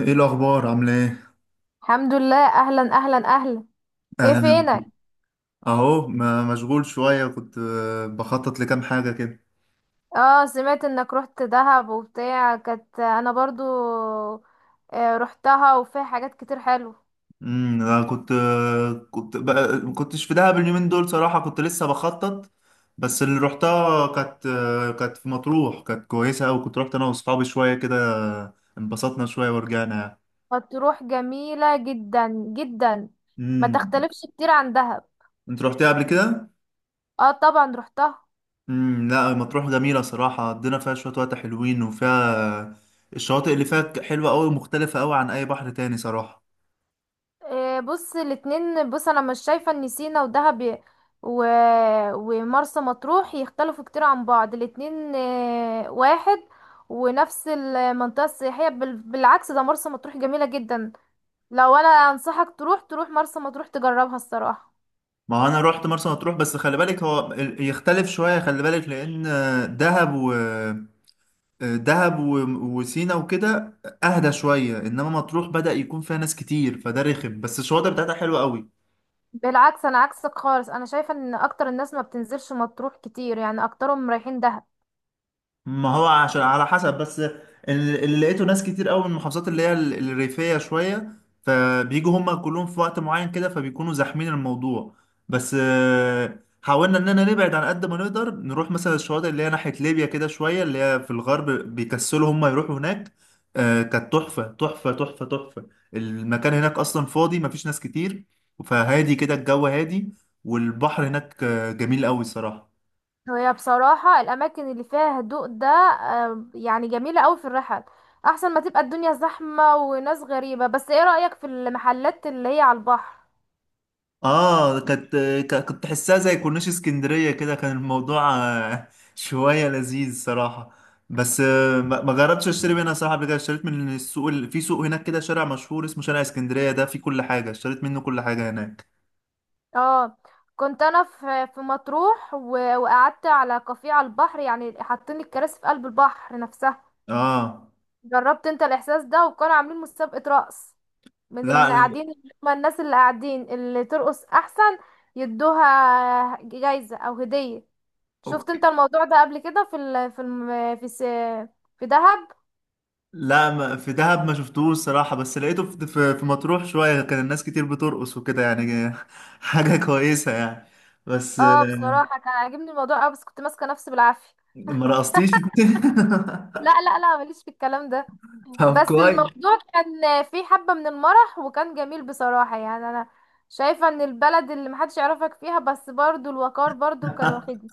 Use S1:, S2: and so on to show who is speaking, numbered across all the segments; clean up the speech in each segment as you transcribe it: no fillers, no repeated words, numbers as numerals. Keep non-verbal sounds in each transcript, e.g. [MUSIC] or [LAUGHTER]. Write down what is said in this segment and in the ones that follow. S1: ايه الاخبار، عامله ايه؟
S2: الحمد لله، اهلا اهلا اهلا. ايه
S1: اهلا.
S2: فينك؟
S1: اهو مشغول شويه. كنت بخطط لكام حاجه كده.
S2: اه سمعت انك رحت دهب وبتاع، كانت انا برضو. رحتها وفيها حاجات كتير حلوه.
S1: انا كنت بقى ما كنتش في دهب اليومين دول، صراحه كنت لسه بخطط. بس اللي روحتها كانت في مطروح. كانت كويسه قوي. كنت رحت انا واصحابي شويه كده، انبسطنا شويه ورجعنا يعني.
S2: مطروح جميله جدا جدا. ما
S1: امم
S2: تختلفش كتير عن دهب.
S1: انت رحتها قبل كده؟
S2: اه طبعا رحتها.
S1: لا، مطروح جميله صراحه. قضينا فيها شويه وقت حلوين، وفيها الشواطئ اللي فيها حلوه قوي ومختلفه قوي عن اي بحر تاني صراحه.
S2: بص الاتنين، بص انا مش شايفه ان سينا ودهب ي- و... ومرسى مطروح يختلفوا كتير عن بعض. الاتنين واحد ونفس المنطقة السياحية بالعكس، ده مرسى مطروح جميلة جدا. لو انا انصحك تروح، تروح مرسى مطروح تجربها الصراحه.
S1: ما هو انا رحت مرسى مطروح، بس خلي بالك هو يختلف شويه، خلي بالك لان دهب و دهب و- وسينا وكده. اهدى شويه، انما مطروح بدأ يكون فيها ناس كتير فده رخم، بس الشواطئ بتاعتها حلوه قوي.
S2: بالعكس، انا عكسك خالص، انا شايفه ان اكتر الناس ما بتنزلش مطروح كتير، يعني اكترهم رايحين دهب.
S1: ما هو عشان على حسب بس. اللي لقيته ناس كتير قوي من المحافظات اللي هي الريفية شوية، فبيجوا هما كلهم في وقت معين كده، فبيكونوا زاحمين الموضوع. بس حاولنا اننا نبعد عن قد ما نقدر. نروح مثلا الشواطئ اللي هي ناحية ليبيا كده شوية، اللي هي في الغرب بيكسلوا هما يروحوا هناك. كانت تحفة تحفة تحفة تحفة. المكان هناك أصلا فاضي، مفيش ناس كتير. فهادي كده، الجو هادي. والبحر هناك جميل قوي الصراحة.
S2: وهي بصراحه الاماكن اللي فيها هدوء ده يعني جميله قوي في الرحل. احسن ما تبقى الدنيا زحمه وناس غريبه. بس ايه رايك في المحلات اللي هي على البحر؟
S1: اه، كانت. كنت تحسها زي كورنيش اسكندرية كده. كان الموضوع [LAUGHS] شوية لذيذ صراحة. بس ما جربتش اشتري منها صراحة. قبل كده اشتريت من السوق في سوق هناك كده، شارع مشهور اسمه شارع اسكندرية، ده فيه كل حاجة. اشتريت منه كل حاجة هناك.
S2: اه كنت انا في مطروح و وقعدت على كافيه على البحر، يعني حاطين الكراسي في قلب البحر نفسها.
S1: اه.
S2: جربت انت الاحساس ده؟ وكانوا عاملين مسابقه رقص من
S1: لا.
S2: اللي قاعدين، هما الناس اللي قاعدين اللي ترقص احسن يدوها جايزة او هدية. شفت
S1: أوكي.
S2: انت الموضوع ده قبل كده في ال... في الم... في س... في دهب؟
S1: لا، ما في دهب ما شفتوش صراحة. بس لقيته في مطروح شوية، كان الناس كتير بترقص وكده يعني. [LAUGHS] حاجة كويسة يعني. بس
S2: اه بصراحة كان عاجبني الموضوع اوي، بس كنت ماسكة نفسي بالعافية.
S1: ما رقصتيش؟
S2: لا، ماليش في الكلام ده.
S1: [LAUGHS] طب
S2: بس
S1: كويس.
S2: الموضوع كان فيه حبة من المرح وكان جميل بصراحة. يعني انا شايفة ان البلد اللي محدش يعرفك فيها، بس برضو الوقار برضو كان
S1: [LAUGHS]
S2: واخدني.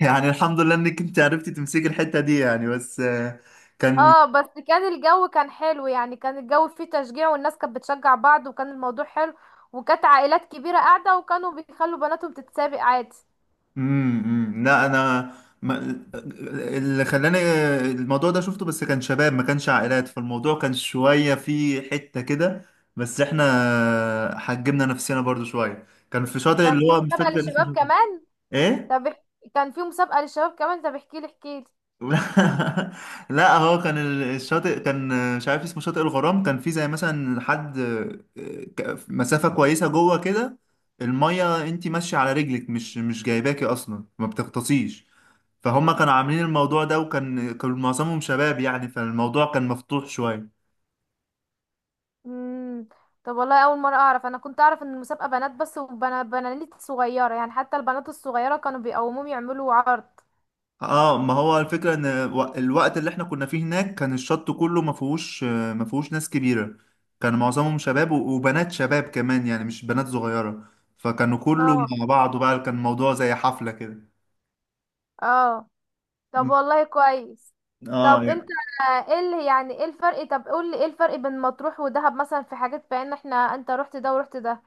S1: يعني الحمد لله انك انت عرفتي تمسكي الحتة دي يعني. بس كان.
S2: اه بس كان الجو كان حلو، يعني كان الجو فيه تشجيع والناس كانت بتشجع بعض وكان الموضوع حلو. وكانت عائلات كبيرة قاعدة وكانوا بيخلوا بناتهم تتسابق عادي.
S1: مم، مم. لا، انا. ما... اللي خلاني الموضوع ده شفته، بس كان شباب ما كانش عائلات، فالموضوع كان شوية فيه حتة كده. بس احنا حجمنا نفسنا برضو شوية. كان في شاطئ
S2: كان
S1: اللي
S2: في
S1: هو مش
S2: مسابقة
S1: فاكر اسمه
S2: للشباب
S1: شاطئ.
S2: كمان؟
S1: ايه؟
S2: طب اح- كان في مسابقة للشباب كمان، طب احكيلي احكيلي.
S1: [LAUGHS] لا، هو كان الشاطئ كان مش عارف اسمه شاطئ الغرام. كان فيه زي مثلا حد مسافة كويسة جوه كده. المية انتي ماشية على رجلك مش جايباكي اصلا، ما بتغطسيش. فهم كانوا عاملين الموضوع ده، وكان معظمهم شباب يعني، فالموضوع كان مفتوح شوية.
S2: امم، طب والله اول مرة اعرف، انا كنت اعرف ان المسابقة بنات بس، وبنات بنات صغيرة يعني، حتى البنات الصغيرة كانوا بيقوموهم يعملوا عرض.
S1: اه، ما هو الفكرة ان الوقت اللي احنا كنا فيه هناك كان الشط كله ما فيهوش ناس كبيرة. كان معظمهم شباب و- وبنات شباب كمان، يعني مش بنات صغيرة. فكانوا كله
S2: اه
S1: مع بعض بقى، كان الموضوع زي حفلة كده.
S2: اه، طب
S1: م.
S2: والله كويس.
S1: اه،
S2: طب انت
S1: يعني.
S2: ايه اللي، يعني ايه الفرق، طب قول لي ايه الفرق بين مطروح ودهب مثلا، في حاجات بان احنا انت رحت ده ورحت ده؟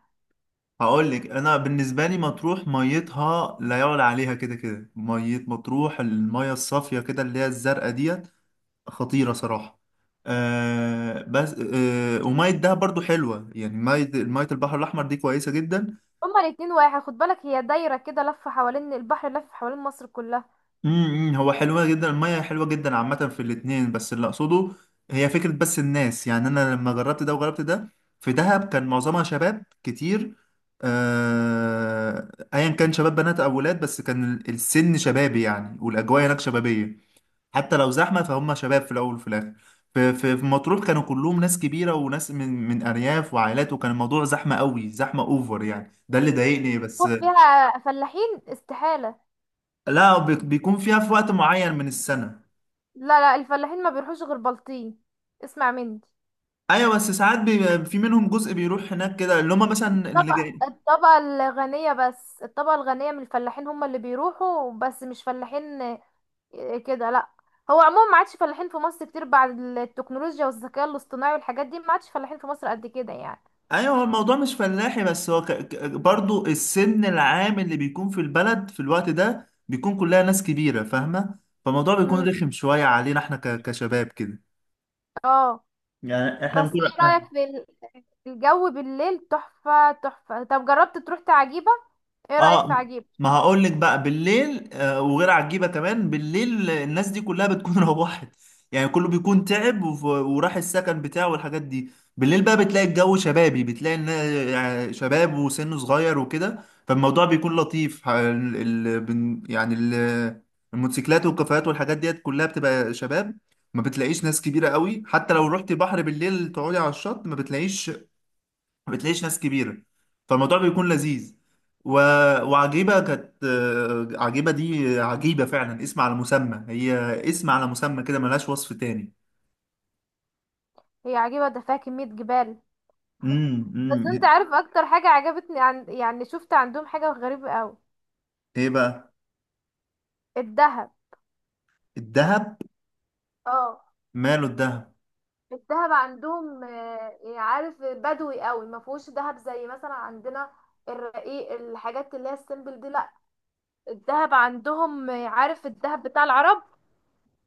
S1: هقول لك. انا بالنسبة لي مطروح ميتها لا يعلى عليها، كده كده مية مطروح، المية الصافية كده اللي هي الزرقاء ديت خطيرة صراحة. بس ومية دهب برضو حلوة، يعني مية البحر الأحمر دي كويسة جدا.
S2: هما الاتنين واحد، خد بالك هي دايرة كده لفة حوالين البحر، لف حوالين مصر كلها.
S1: هو حلوة جدا، المية حلوة جدا عامة في الاتنين، بس اللي أقصده هي فكرة بس. الناس يعني أنا لما جربت ده وجربت ده، في دهب كان معظمها شباب كتير. آه، أيا كان شباب بنات أو ولاد، بس كان السن شبابي يعني، والأجواء هناك شبابية. حتى لو زحمة، فهم شباب في الأول وفي الآخر. في مطروح كانوا كلهم ناس كبيرة وناس من أرياف وعائلات، وكان الموضوع زحمة قوي زحمة أوفر يعني. ده اللي ضايقني بس.
S2: مطروح فيها فلاحين؟ استحالة.
S1: لا، بيكون فيها في وقت معين من السنة.
S2: لا لا، الفلاحين ما بيروحوش غير بلطيم، اسمع مني.
S1: ايوه، بس ساعات بيبقى في منهم جزء بيروح هناك كده، اللي هم مثلا اللي
S2: الطبقة
S1: جاي.
S2: الطبقة الغنية بس، الطبقة الغنية من الفلاحين هم اللي بيروحوا، بس مش فلاحين كده لا. هو عموما ما عادش فلاحين في مصر كتير بعد التكنولوجيا والذكاء الاصطناعي والحاجات دي، ما عادش فلاحين في مصر قد كده يعني.
S1: ايوه، هو الموضوع مش فلاحي بس. هو برضو السن العام اللي بيكون في البلد في الوقت ده بيكون كلها ناس كبيرة فاهمة. فالموضوع
S2: مم.
S1: بيكون رخم شوية علينا احنا كشباب كده.
S2: اه،
S1: يعني احنا
S2: بس
S1: بنكون.
S2: ايه رأيك في الجو بالليل؟ تحفة تحفة. طب جربت تروح عجيبة؟ ايه رأيك في
S1: اه،
S2: عجيبة؟
S1: ما هقول لك بقى بالليل وغير عجيبه كمان، بالليل الناس دي كلها بتكون [LAUGHS] روحت. يعني كله بيكون تعب وف- وراح السكن بتاعه والحاجات دي. بالليل بقى بتلاقي الجو شبابي، بتلاقي يعني شباب وسنه صغير وكده. فالموضوع بيكون لطيف. يعني الموتوسيكلات والكافيهات والحاجات ديت كلها بتبقى شباب. ما بتلاقيش ناس كبيره قوي، حتى لو رحت بحر بالليل تقعدي على الشط ما بتلاقيش. ما بتلاقيش ناس كبيرة. فالموضوع بيكون لذيذ. و... وعجيبة. كانت آه، عجيبة دي عجيبة فعلا اسم على مسمى هي. اسم على مسمى كده، ملهاش وصف تاني.
S2: هي عجيبة ده فيها كمية جبال.
S1: امم،
S2: بس انت
S1: امم.
S2: عارف اكتر حاجة عجبتني عن، يعني شفت عندهم حاجة غريبة قوي؟
S1: ايه بقى؟
S2: الدهب.
S1: الذهب.
S2: اه،
S1: ماله الذهب؟
S2: الدهب عندهم يعني عارف، بدوي قوي، ما فيهوش دهب زي مثلا عندنا الرقيق، الحاجات اللي هي السيمبل دي لا. الدهب عندهم عارف الدهب بتاع العرب.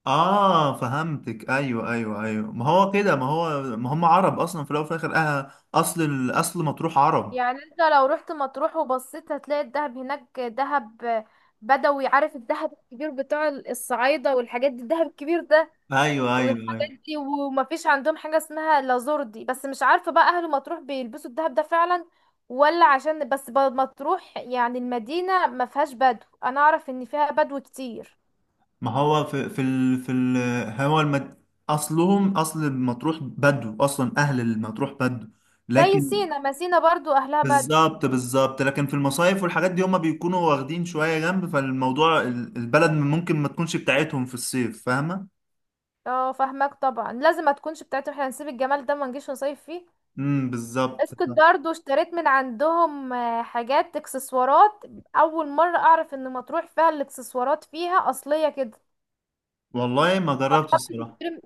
S1: اه، فهمتك، ايوه ايوه ايوه، ما هو كده، ما هو ما هم عرب اصلا في الاول وفي الاخر. اصل الاصل مطروح عرب.
S2: يعني انت لو رحت مطروح وبصيت هتلاقي الدهب هناك دهب بدوي، عارف الدهب الكبير بتاع الصعايدة والحاجات دي، الدهب الكبير ده
S1: ايوه ايوه
S2: والحاجات
S1: أيوة.
S2: دي. ومفيش عندهم حاجة اسمها لازوردي. بس مش عارفة بقى أهل مطروح بيلبسوا الدهب ده فعلا ولا عشان بس مطروح يعني، المدينة ما فيهاش بدو. أنا أعرف إن فيها بدو كتير
S1: ما هو في في ال... في ال... هو المد... اصلهم اصل مطروح بدو اصلا، اهل المطروح بدو.
S2: زي
S1: لكن.
S2: سينا، ما سينا برضو أهلها بدو.
S1: بالظبط بالظبط، لكن في المصايف والحاجات دي هما بيكونوا واخدين شوية جنب، فالموضوع البلد ممكن ما تكونش بتاعتهم في الصيف، فاهمة؟
S2: اه فاهمك طبعا، لازم ما تكونش بتاعتهم، احنا هنسيب الجمال ده ما نجيش نصيف فيه.
S1: بالظبط.
S2: اسكت، برضو اشتريت من عندهم حاجات اكسسوارات. اول مرة اعرف ان مطروح فيها الاكسسوارات فيها اصلية كده.
S1: والله، ما جربتش الصراحة.
S2: تشتري-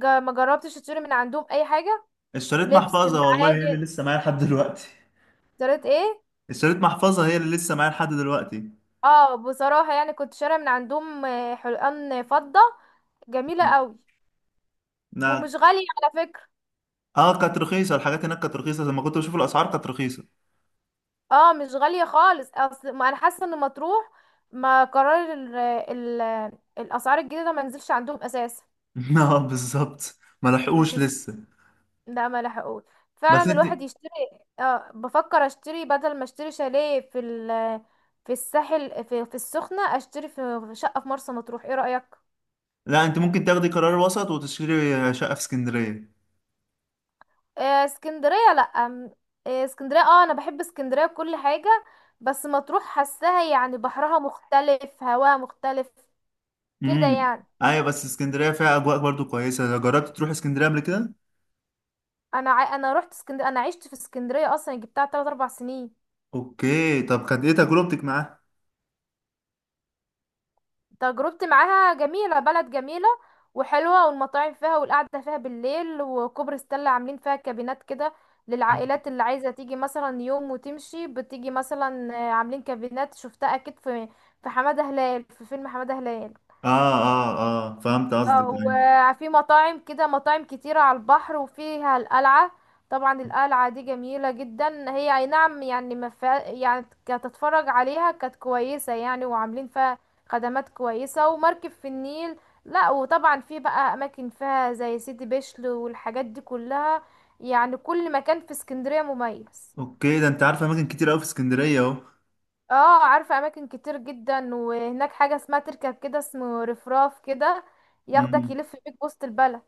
S2: ما جربتش تشتري من عندهم اي حاجة؟
S1: اشتريت
S2: لبس
S1: محفظة، والله هي اللي
S2: المعادن،
S1: لسه معايا لحد دلوقتي.
S2: اشتريت ايه؟
S1: اشتريت محفظة، هي اللي لسه معايا لحد دلوقتي.
S2: اه بصراحة يعني كنت شارية من عندهم حلقان فضة جميلة قوي.
S1: نعم؟
S2: ومش غالية على فكرة.
S1: اه، كانت رخيصة. الحاجات هناك كانت رخيصة، لما كنت بشوف الأسعار كانت رخيصة.
S2: اه مش غالية خالص، اصل ما انا حاسة ان مطروح ما قرار ال الاسعار الجديدة ما نزلش عندهم اساسا.
S1: [LAUGHS] اه بالظبط، ما لحقوش
S2: بس-
S1: لسه.
S2: لا ما لحقوش،
S1: بس
S2: فعلا
S1: انت.
S2: الواحد يشتري. اه بفكر اشتري بدل ما اشتري شاليه في ال في الساحل في السخنة، اشتري في شقة في مرسى مطروح، ايه رأيك؟
S1: لا، انت ممكن تاخدي قرار وسط وتشتري شقة في اسكندرية.
S2: آه، اسكندريه لا آم، آه، اسكندريه، اه انا بحب اسكندريه بكل حاجه. بس مطروح حاساها يعني بحرها مختلف، هواها مختلف كده
S1: امم
S2: يعني.
S1: ايوه، بس اسكندرية فيها اجواء برضو كويسة. جربت تروح اسكندرية قبل كده؟
S2: انا رحت اسكندريه، انا عشت في اسكندريه اصلا يعني، جبتها 3 4 سنين.
S1: اوكي، طب كانت ايه تجربتك معاها؟
S2: تجربتي معاها جميله، بلد جميله وحلوه، والمطاعم فيها والقعده فيها بالليل. وكوبري ستانلي عاملين فيها كابينات كده للعائلات اللي عايزه تيجي مثلا يوم وتمشي، بتيجي مثلا عاملين كابينات، شفتها اكيد في حماده هلال، في فيلم حماده هلال.
S1: اه اه اه، فهمت قصدك،
S2: او
S1: ايوه.
S2: في مطاعم كده، مطاعم كتيرة على البحر، وفيها القلعة. طبعا القلعة دي جميلة جدا، هي اي نعم يعني ما فيها يعني، كتتفرج عليها كانت كويسة يعني، وعاملين فيها خدمات كويسة. ومركب في النيل. لا وطبعا في بقى اماكن فيها زي سيدي بشر والحاجات دي كلها، يعني كل مكان في اسكندرية مميز.
S1: اوكي، ده انت عارفة اماكن كتير قوي في اسكندرية اهو.
S2: اه عارفة اماكن كتير جدا. وهناك حاجة اسمها تركب كده، اسمه رفراف كده، ياخدك
S1: امم
S2: يلف بيك وسط البلد.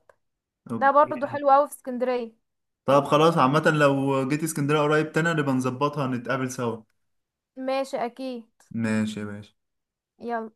S2: ده برضو
S1: اوكي،
S2: حلو قوي في اسكندرية.
S1: طب خلاص، عامة لو جيت اسكندرية قريب تاني نبقى نظبطها نتقابل سوا.
S2: ماشي اكيد.
S1: ماشي يا باشا.
S2: يلا.